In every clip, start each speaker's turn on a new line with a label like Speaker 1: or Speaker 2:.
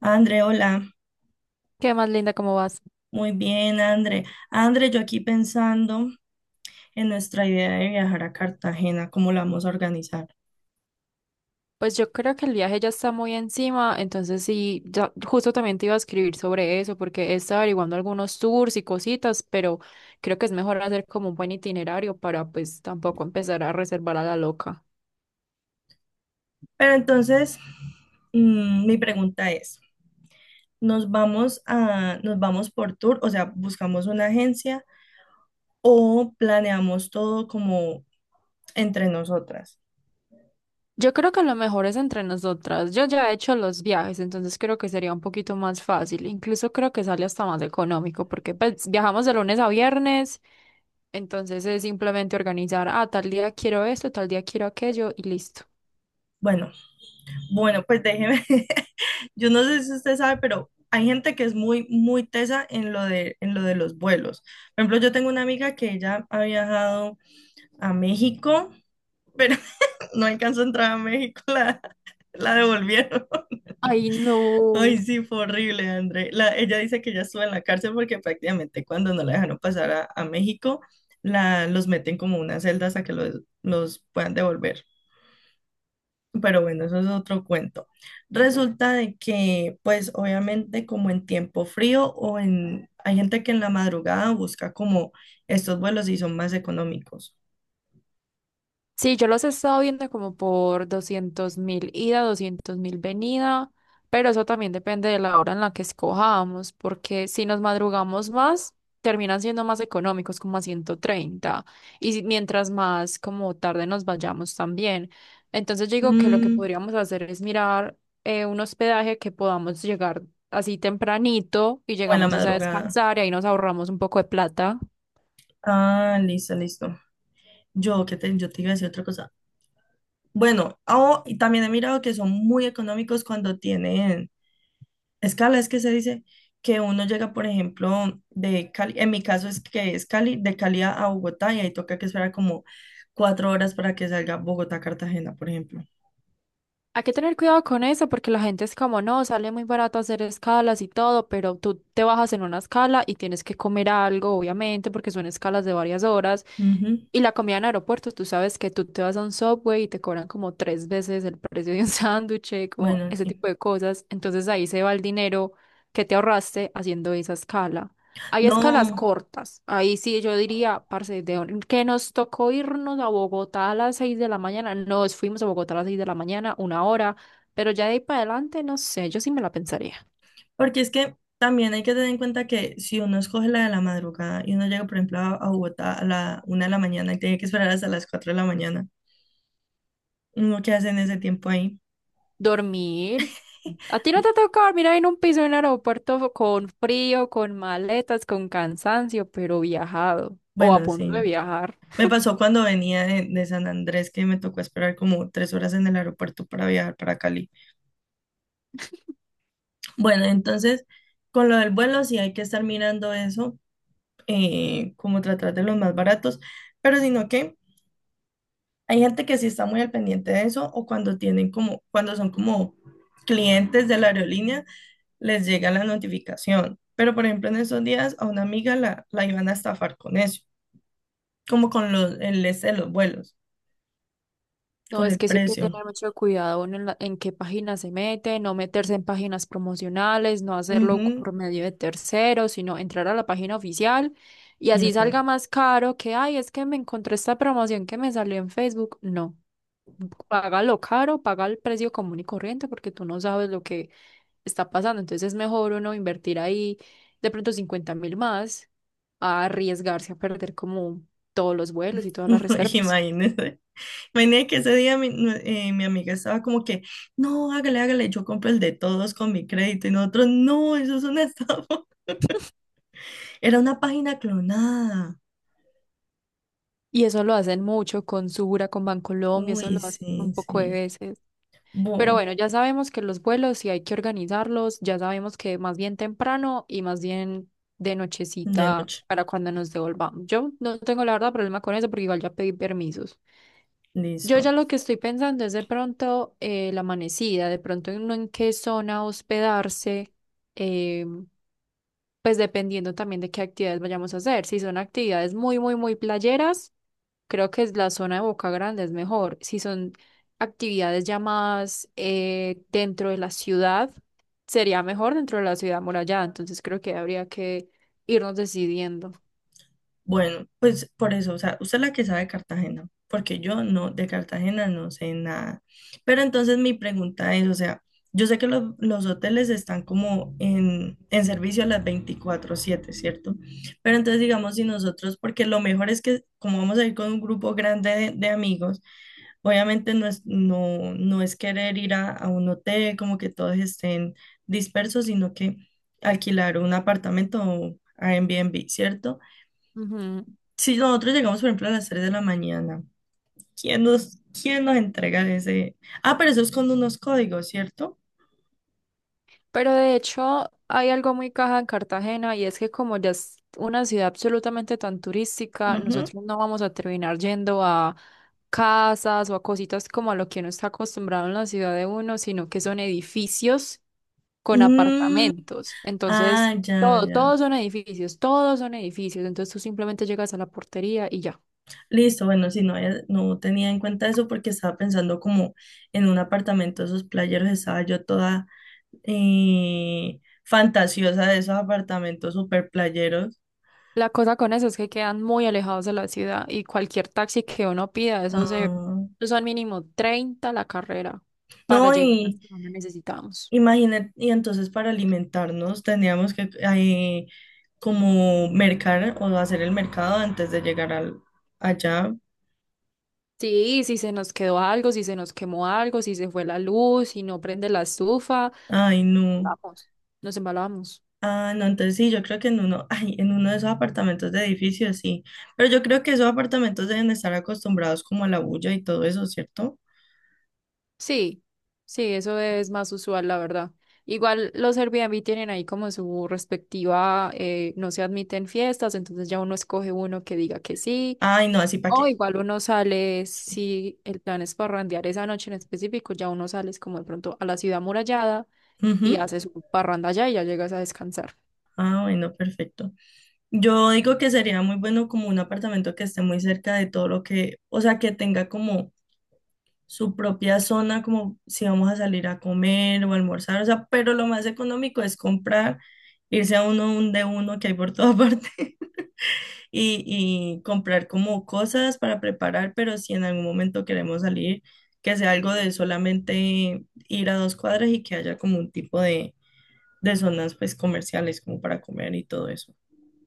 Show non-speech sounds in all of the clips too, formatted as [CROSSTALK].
Speaker 1: André, hola.
Speaker 2: ¿Qué más, Linda? ¿Cómo vas?
Speaker 1: Muy bien, André. André, yo aquí pensando en nuestra idea de viajar a Cartagena, cómo la vamos a organizar.
Speaker 2: Pues yo creo que el viaje ya está muy encima, entonces sí, ya justo también te iba a escribir sobre eso, porque he estado averiguando algunos tours y cositas, pero creo que es mejor hacer como un buen itinerario para pues tampoco empezar a reservar a la loca.
Speaker 1: Pero entonces, mi pregunta es, ¿nos vamos por tour? O sea, ¿buscamos una agencia o planeamos todo como entre nosotras?
Speaker 2: Yo creo que lo mejor es entre nosotras. Yo ya he hecho los viajes, entonces creo que sería un poquito más fácil. Incluso creo que sale hasta más económico, porque pues, viajamos de lunes a viernes, entonces es simplemente organizar, tal día quiero esto, tal día quiero aquello y listo.
Speaker 1: Bueno, bueno, pues déjeme. [LAUGHS] Yo no sé si usted sabe, pero hay gente que es muy, muy tesa en lo de los vuelos. Por ejemplo, yo tengo una amiga que ella ha viajado a México, pero [LAUGHS] no alcanzó a entrar a México, [LAUGHS] la devolvieron. [LAUGHS]
Speaker 2: Ay, no.
Speaker 1: Ay, sí, fue horrible, André. Ella dice que ya estuvo en la cárcel porque prácticamente cuando no la dejaron pasar a México, los meten como unas celdas hasta que los puedan devolver. Pero bueno, eso es otro cuento. Resulta de que, pues obviamente como en tiempo frío Hay gente que en la madrugada busca como estos vuelos y son más económicos.
Speaker 2: Sí, yo los he estado viendo como por 200.000 ida, 200.000 venida, pero eso también depende de la hora en la que escojamos, porque si nos madrugamos más, terminan siendo más económicos, como a 130, y mientras más como tarde nos vayamos también. Entonces yo digo que lo que
Speaker 1: Mm,
Speaker 2: podríamos hacer es mirar un hospedaje que podamos llegar así tempranito y
Speaker 1: o en la
Speaker 2: llegamos es a
Speaker 1: madrugada.
Speaker 2: descansar y ahí nos ahorramos un poco de plata.
Speaker 1: Ah, listo, listo. Yo te iba a decir otra cosa. Bueno, ah, y también he mirado que son muy económicos cuando tienen escala, es que se dice que uno llega, por ejemplo, de Cali, en mi caso es que es Cali, de Cali a Bogotá y ahí toca que esperar como 4 horas para que salga Bogotá-Cartagena, por ejemplo.
Speaker 2: Hay que tener cuidado con eso porque la gente es como, no, sale muy barato hacer escalas y todo, pero tú te bajas en una escala y tienes que comer algo, obviamente, porque son escalas de varias horas.
Speaker 1: Ujú.
Speaker 2: Y la comida en aeropuertos, tú sabes que tú te vas a un Subway y te cobran como tres veces el precio de un [LAUGHS] sándwich, como
Speaker 1: Bueno,
Speaker 2: ese
Speaker 1: sí.
Speaker 2: tipo de cosas. Entonces ahí se va el dinero que te ahorraste haciendo esa escala. Hay escalas
Speaker 1: No,
Speaker 2: cortas. Ahí sí yo diría, parce, que nos tocó irnos a Bogotá a las 6 de la mañana. Nos fuimos a Bogotá a las 6 de la mañana, una hora. Pero ya de ahí para adelante, no sé, yo sí me la pensaría.
Speaker 1: porque es que también hay que tener en cuenta que si uno escoge la de la madrugada y uno llega, por ejemplo, a Bogotá a la 1 de la mañana y tiene que esperar hasta las 4 de la mañana, uno que hace en ese tiempo ahí.
Speaker 2: Dormir. ¿A ti no te toca dormir ahí en un piso en un aeropuerto con frío, con maletas, con cansancio, pero viajado o a
Speaker 1: Bueno,
Speaker 2: punto de
Speaker 1: sí.
Speaker 2: viajar?
Speaker 1: Me pasó cuando venía de San Andrés que me tocó esperar como 3 horas en el aeropuerto para viajar para Cali. Bueno, entonces, con lo del vuelo sí hay que estar mirando eso, como tratar de los más baratos, pero sino que hay gente que sí está muy al pendiente de eso o cuando tienen como, cuando son como clientes de la aerolínea, les llega la notificación. Pero, por ejemplo, en esos días a una amiga la iban a estafar con eso, como con el este de los vuelos.
Speaker 2: No,
Speaker 1: Con
Speaker 2: es
Speaker 1: el
Speaker 2: que eso hay que
Speaker 1: precio.
Speaker 2: tener mucho cuidado uno en, en qué página se mete, no meterse en páginas promocionales, no hacerlo
Speaker 1: Ujú.
Speaker 2: por medio de terceros, sino entrar a la página oficial y
Speaker 1: Y
Speaker 2: así
Speaker 1: hacerlo.
Speaker 2: salga más caro que, ay, es que me encontré esta promoción que me salió en Facebook. No, paga lo caro, paga el precio común y corriente porque tú no sabes lo que está pasando. Entonces es mejor uno invertir ahí de pronto 50.000 más a arriesgarse a perder como todos los vuelos y todas las
Speaker 1: [LAUGHS]
Speaker 2: reservas.
Speaker 1: Imagínese. Imagínese que ese día mi amiga estaba como que, no, hágale, hágale, yo compro el de todos con mi crédito. Y nosotros, no, eso es una estafa. [LAUGHS] Era una página clonada.
Speaker 2: Y eso lo hacen mucho con Sura, con Bancolombia, eso
Speaker 1: Uy,
Speaker 2: lo hacen un
Speaker 1: sí,
Speaker 2: poco de
Speaker 1: sí.
Speaker 2: veces. Pero
Speaker 1: Voy
Speaker 2: bueno, ya sabemos que los vuelos sí hay que organizarlos, ya sabemos que más bien temprano y más bien de
Speaker 1: de
Speaker 2: nochecita
Speaker 1: noche.
Speaker 2: para cuando nos devolvamos. Yo no tengo la verdad problema con eso porque igual ya pedí permisos. Yo
Speaker 1: Listo.
Speaker 2: ya lo que estoy pensando es de pronto la amanecida, de pronto en, no en qué zona hospedarse, eh, pues dependiendo también de qué actividades vayamos a hacer. Si son actividades muy, muy, muy playeras. Creo que es la zona de Boca Grande es mejor. Si son actividades ya más dentro de la ciudad, sería mejor dentro de la ciudad amurallada. Entonces creo que habría que irnos decidiendo.
Speaker 1: Bueno, pues por eso, o sea, usted es la que sabe de Cartagena, porque yo no, de Cartagena no sé nada. Pero entonces mi pregunta es, o sea, yo sé que los hoteles están como en servicio a las 24/7, ¿cierto? Pero entonces digamos si nosotros, porque lo mejor es que como vamos a ir con un grupo grande de amigos, obviamente no es querer ir a un hotel como que todos estén dispersos, sino que alquilar un apartamento o Airbnb, ¿cierto?
Speaker 2: Ujú.
Speaker 1: Si nosotros llegamos, por ejemplo, a las 3 de la mañana, ¿quién nos entrega ese? Ah, pero eso es con unos códigos, ¿cierto?
Speaker 2: Pero de hecho hay algo muy caja en Cartagena y es que como ya es una ciudad absolutamente tan turística,
Speaker 1: Ujú.
Speaker 2: nosotros no vamos a terminar yendo a casas o a cositas como a lo que uno está acostumbrado en la ciudad de uno, sino que son edificios con
Speaker 1: Mm,
Speaker 2: apartamentos.
Speaker 1: ah,
Speaker 2: Entonces,
Speaker 1: ya, ya.
Speaker 2: todos son edificios, todos son edificios. Entonces tú simplemente llegas a la portería y ya.
Speaker 1: Listo, bueno, si no, no tenía en cuenta eso porque estaba pensando como en un apartamento de esos playeros, estaba yo toda fantasiosa de esos apartamentos super playeros.
Speaker 2: La cosa con eso es que quedan muy alejados de la ciudad y cualquier taxi que uno pida,
Speaker 1: Ah,
Speaker 2: eso son mínimo 30 la carrera para
Speaker 1: no,
Speaker 2: llegar
Speaker 1: y
Speaker 2: hasta donde necesitamos.
Speaker 1: imagínate, y entonces para alimentarnos teníamos que, como mercar o hacer el mercado antes de llegar allá.
Speaker 2: Sí, si se nos quedó algo, si se nos quemó algo, si se fue la luz, si no prende la estufa,
Speaker 1: Ay, no.
Speaker 2: vamos, nos embalamos.
Speaker 1: Ah, no, entonces sí, yo creo que en uno, ay, en uno de esos apartamentos de edificios, sí. Pero yo creo que esos apartamentos deben estar acostumbrados como a la bulla y todo eso, ¿cierto?
Speaker 2: Sí, sí, eso es más usual, la verdad. Igual los Airbnb tienen ahí como su respectiva, no se admiten fiestas, entonces ya uno escoge uno que diga que sí.
Speaker 1: Ay, no, así para
Speaker 2: O
Speaker 1: qué.
Speaker 2: igual uno sale, si el plan es parrandear esa noche en específico, ya uno sales como de pronto a la ciudad amurallada y
Speaker 1: Ujú.
Speaker 2: haces un parranda allá y ya llegas a descansar.
Speaker 1: Ah, bueno, perfecto. Yo digo que sería muy bueno como un apartamento que esté muy cerca de todo lo que, o sea, que tenga como su propia zona, como si vamos a salir a comer o a almorzar, o sea, pero lo más económico es comprar, irse a un de uno que hay por toda [LAUGHS] parte y comprar como cosas para preparar, pero si en algún momento queremos salir, que sea algo de solamente ir a 2 cuadras y que haya como un tipo de zonas pues comerciales como para comer y todo eso.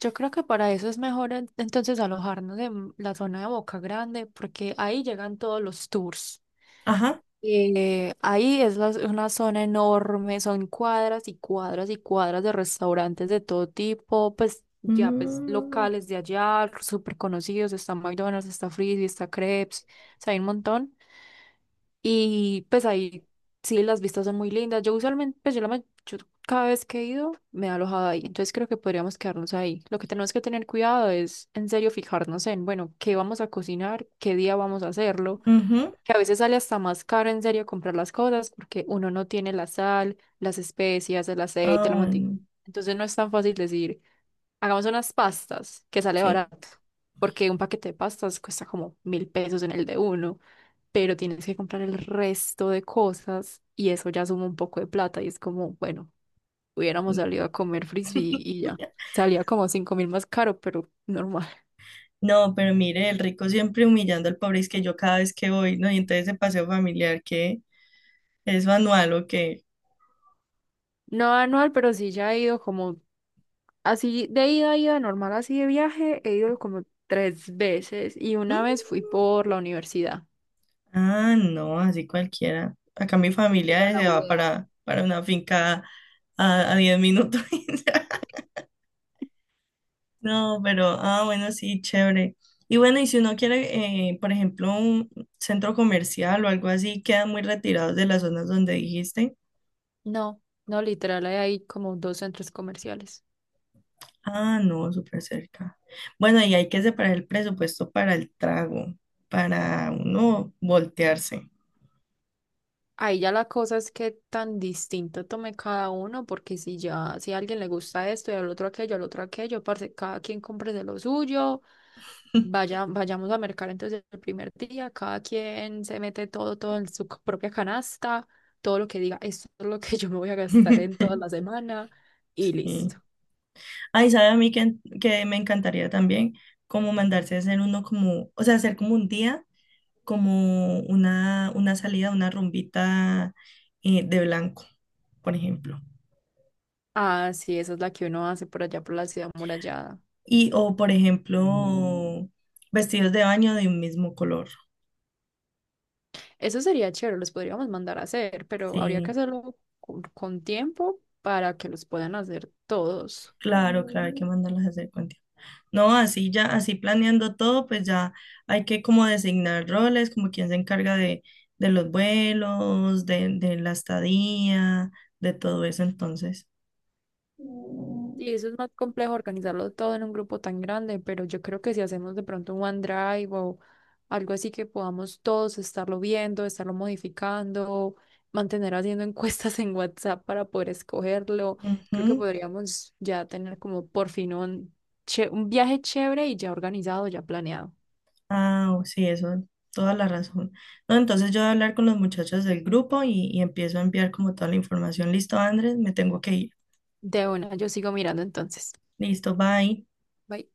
Speaker 2: Yo creo que para eso es mejor entonces alojarnos en la zona de Boca Grande, porque ahí llegan todos los tours.
Speaker 1: Ajá.
Speaker 2: Ahí es una zona enorme, son cuadras y cuadras y cuadras de restaurantes de todo tipo, pues ya pues
Speaker 1: Mm,
Speaker 2: locales de allá, súper conocidos, está McDonald's, está Frisby, está Crepes, o sea, hay un montón. Y pues ahí sí las vistas son muy lindas. Yo usualmente, yo cada vez que he ido me he alojado ahí, entonces creo que podríamos quedarnos ahí. Lo que tenemos que tener cuidado es en serio fijarnos en, bueno, qué vamos a cocinar, qué día vamos a hacerlo
Speaker 1: ujú.
Speaker 2: que a veces sale hasta más caro en serio comprar las cosas porque uno no tiene la sal, las especias, el aceite,
Speaker 1: Ah,
Speaker 2: la
Speaker 1: bueno,
Speaker 2: mantequilla. Entonces no es tan fácil decir, hagamos unas pastas que sale
Speaker 1: sí.
Speaker 2: barato, porque un paquete de pastas cuesta como 1.000 pesos en el de uno, pero tienes que comprar el resto de cosas y eso ya suma un poco de plata y es como, bueno, hubiéramos salido a comer frisbee y ya.
Speaker 1: [LAUGHS]
Speaker 2: Salía como 5.000 más caro, pero normal.
Speaker 1: No, pero mire, el rico siempre humillando al pobre, es que yo cada vez que voy, ¿no? Y entonces ese paseo familiar que es manual o qué.
Speaker 2: No anual, pero sí ya he ido como. Así de ida, ida normal, así de viaje, he ido como 3 veces y una
Speaker 1: ¿Mm?
Speaker 2: vez fui por la universidad.
Speaker 1: Ah, no, así cualquiera. Acá mi
Speaker 2: ¿Quién iba a
Speaker 1: familia
Speaker 2: la
Speaker 1: se va
Speaker 2: ULA?
Speaker 1: para una finca a 10 minutos. [LAUGHS] No, pero, ah, bueno, sí, chévere. Y bueno, y si uno quiere, por ejemplo, un centro comercial o algo así, quedan muy retirados de las zonas donde dijiste.
Speaker 2: No, no, literal, hay ahí como dos centros comerciales.
Speaker 1: Ah, no, súper cerca. Bueno, y hay que separar el presupuesto para el trago, para uno voltearse.
Speaker 2: Ahí ya la cosa es que tan distinto tome cada uno, porque si ya, si a alguien le gusta esto y al otro aquello, parce, cada quien compre de lo suyo. Vaya, vayamos a mercar entonces el primer día, cada quien se mete todo, todo en su propia canasta, todo lo que diga, esto es lo que [LAUGHS] yo me voy a gastar en toda
Speaker 1: [LAUGHS]
Speaker 2: la semana y
Speaker 1: Sí.
Speaker 2: listo.
Speaker 1: Ay, sabe a mí que me encantaría también como mandarse a hacer uno como, o sea, hacer como un día, como una salida, una rumbita de blanco, por ejemplo.
Speaker 2: Ah, sí, esa es la que uno hace por allá por la ciudad amurallada.
Speaker 1: O por ejemplo, Mm. vestidos de baño de un mismo color.
Speaker 2: Eso sería chévere, los podríamos mandar a hacer, pero habría que
Speaker 1: Sí,
Speaker 2: hacerlo con tiempo para que los puedan hacer todos.
Speaker 1: claro, claro, hay que mandarlas a hacer con. No, así ya, así planeando todo, pues ya hay que como designar roles, como quién se encarga de los vuelos, de la estadía, de todo eso, entonces.
Speaker 2: Y eso es más complejo organizarlo todo en un grupo tan grande, pero yo creo que si hacemos de pronto un OneDrive algo así que podamos todos estarlo viendo, estarlo modificando, mantener haciendo [LAUGHS] encuestas en WhatsApp para poder escogerlo. Creo que
Speaker 1: Ujú.
Speaker 2: podríamos ya tener como por fin un, un viaje chévere y ya organizado, ya planeado.
Speaker 1: Ah, sí, eso, toda la razón. No, entonces yo voy a hablar con los muchachos del grupo y empiezo a enviar como toda la información. Listo, Andrés, me tengo que ir.
Speaker 2: De una, yo sigo mirando entonces.
Speaker 1: Listo, bye.
Speaker 2: Bye.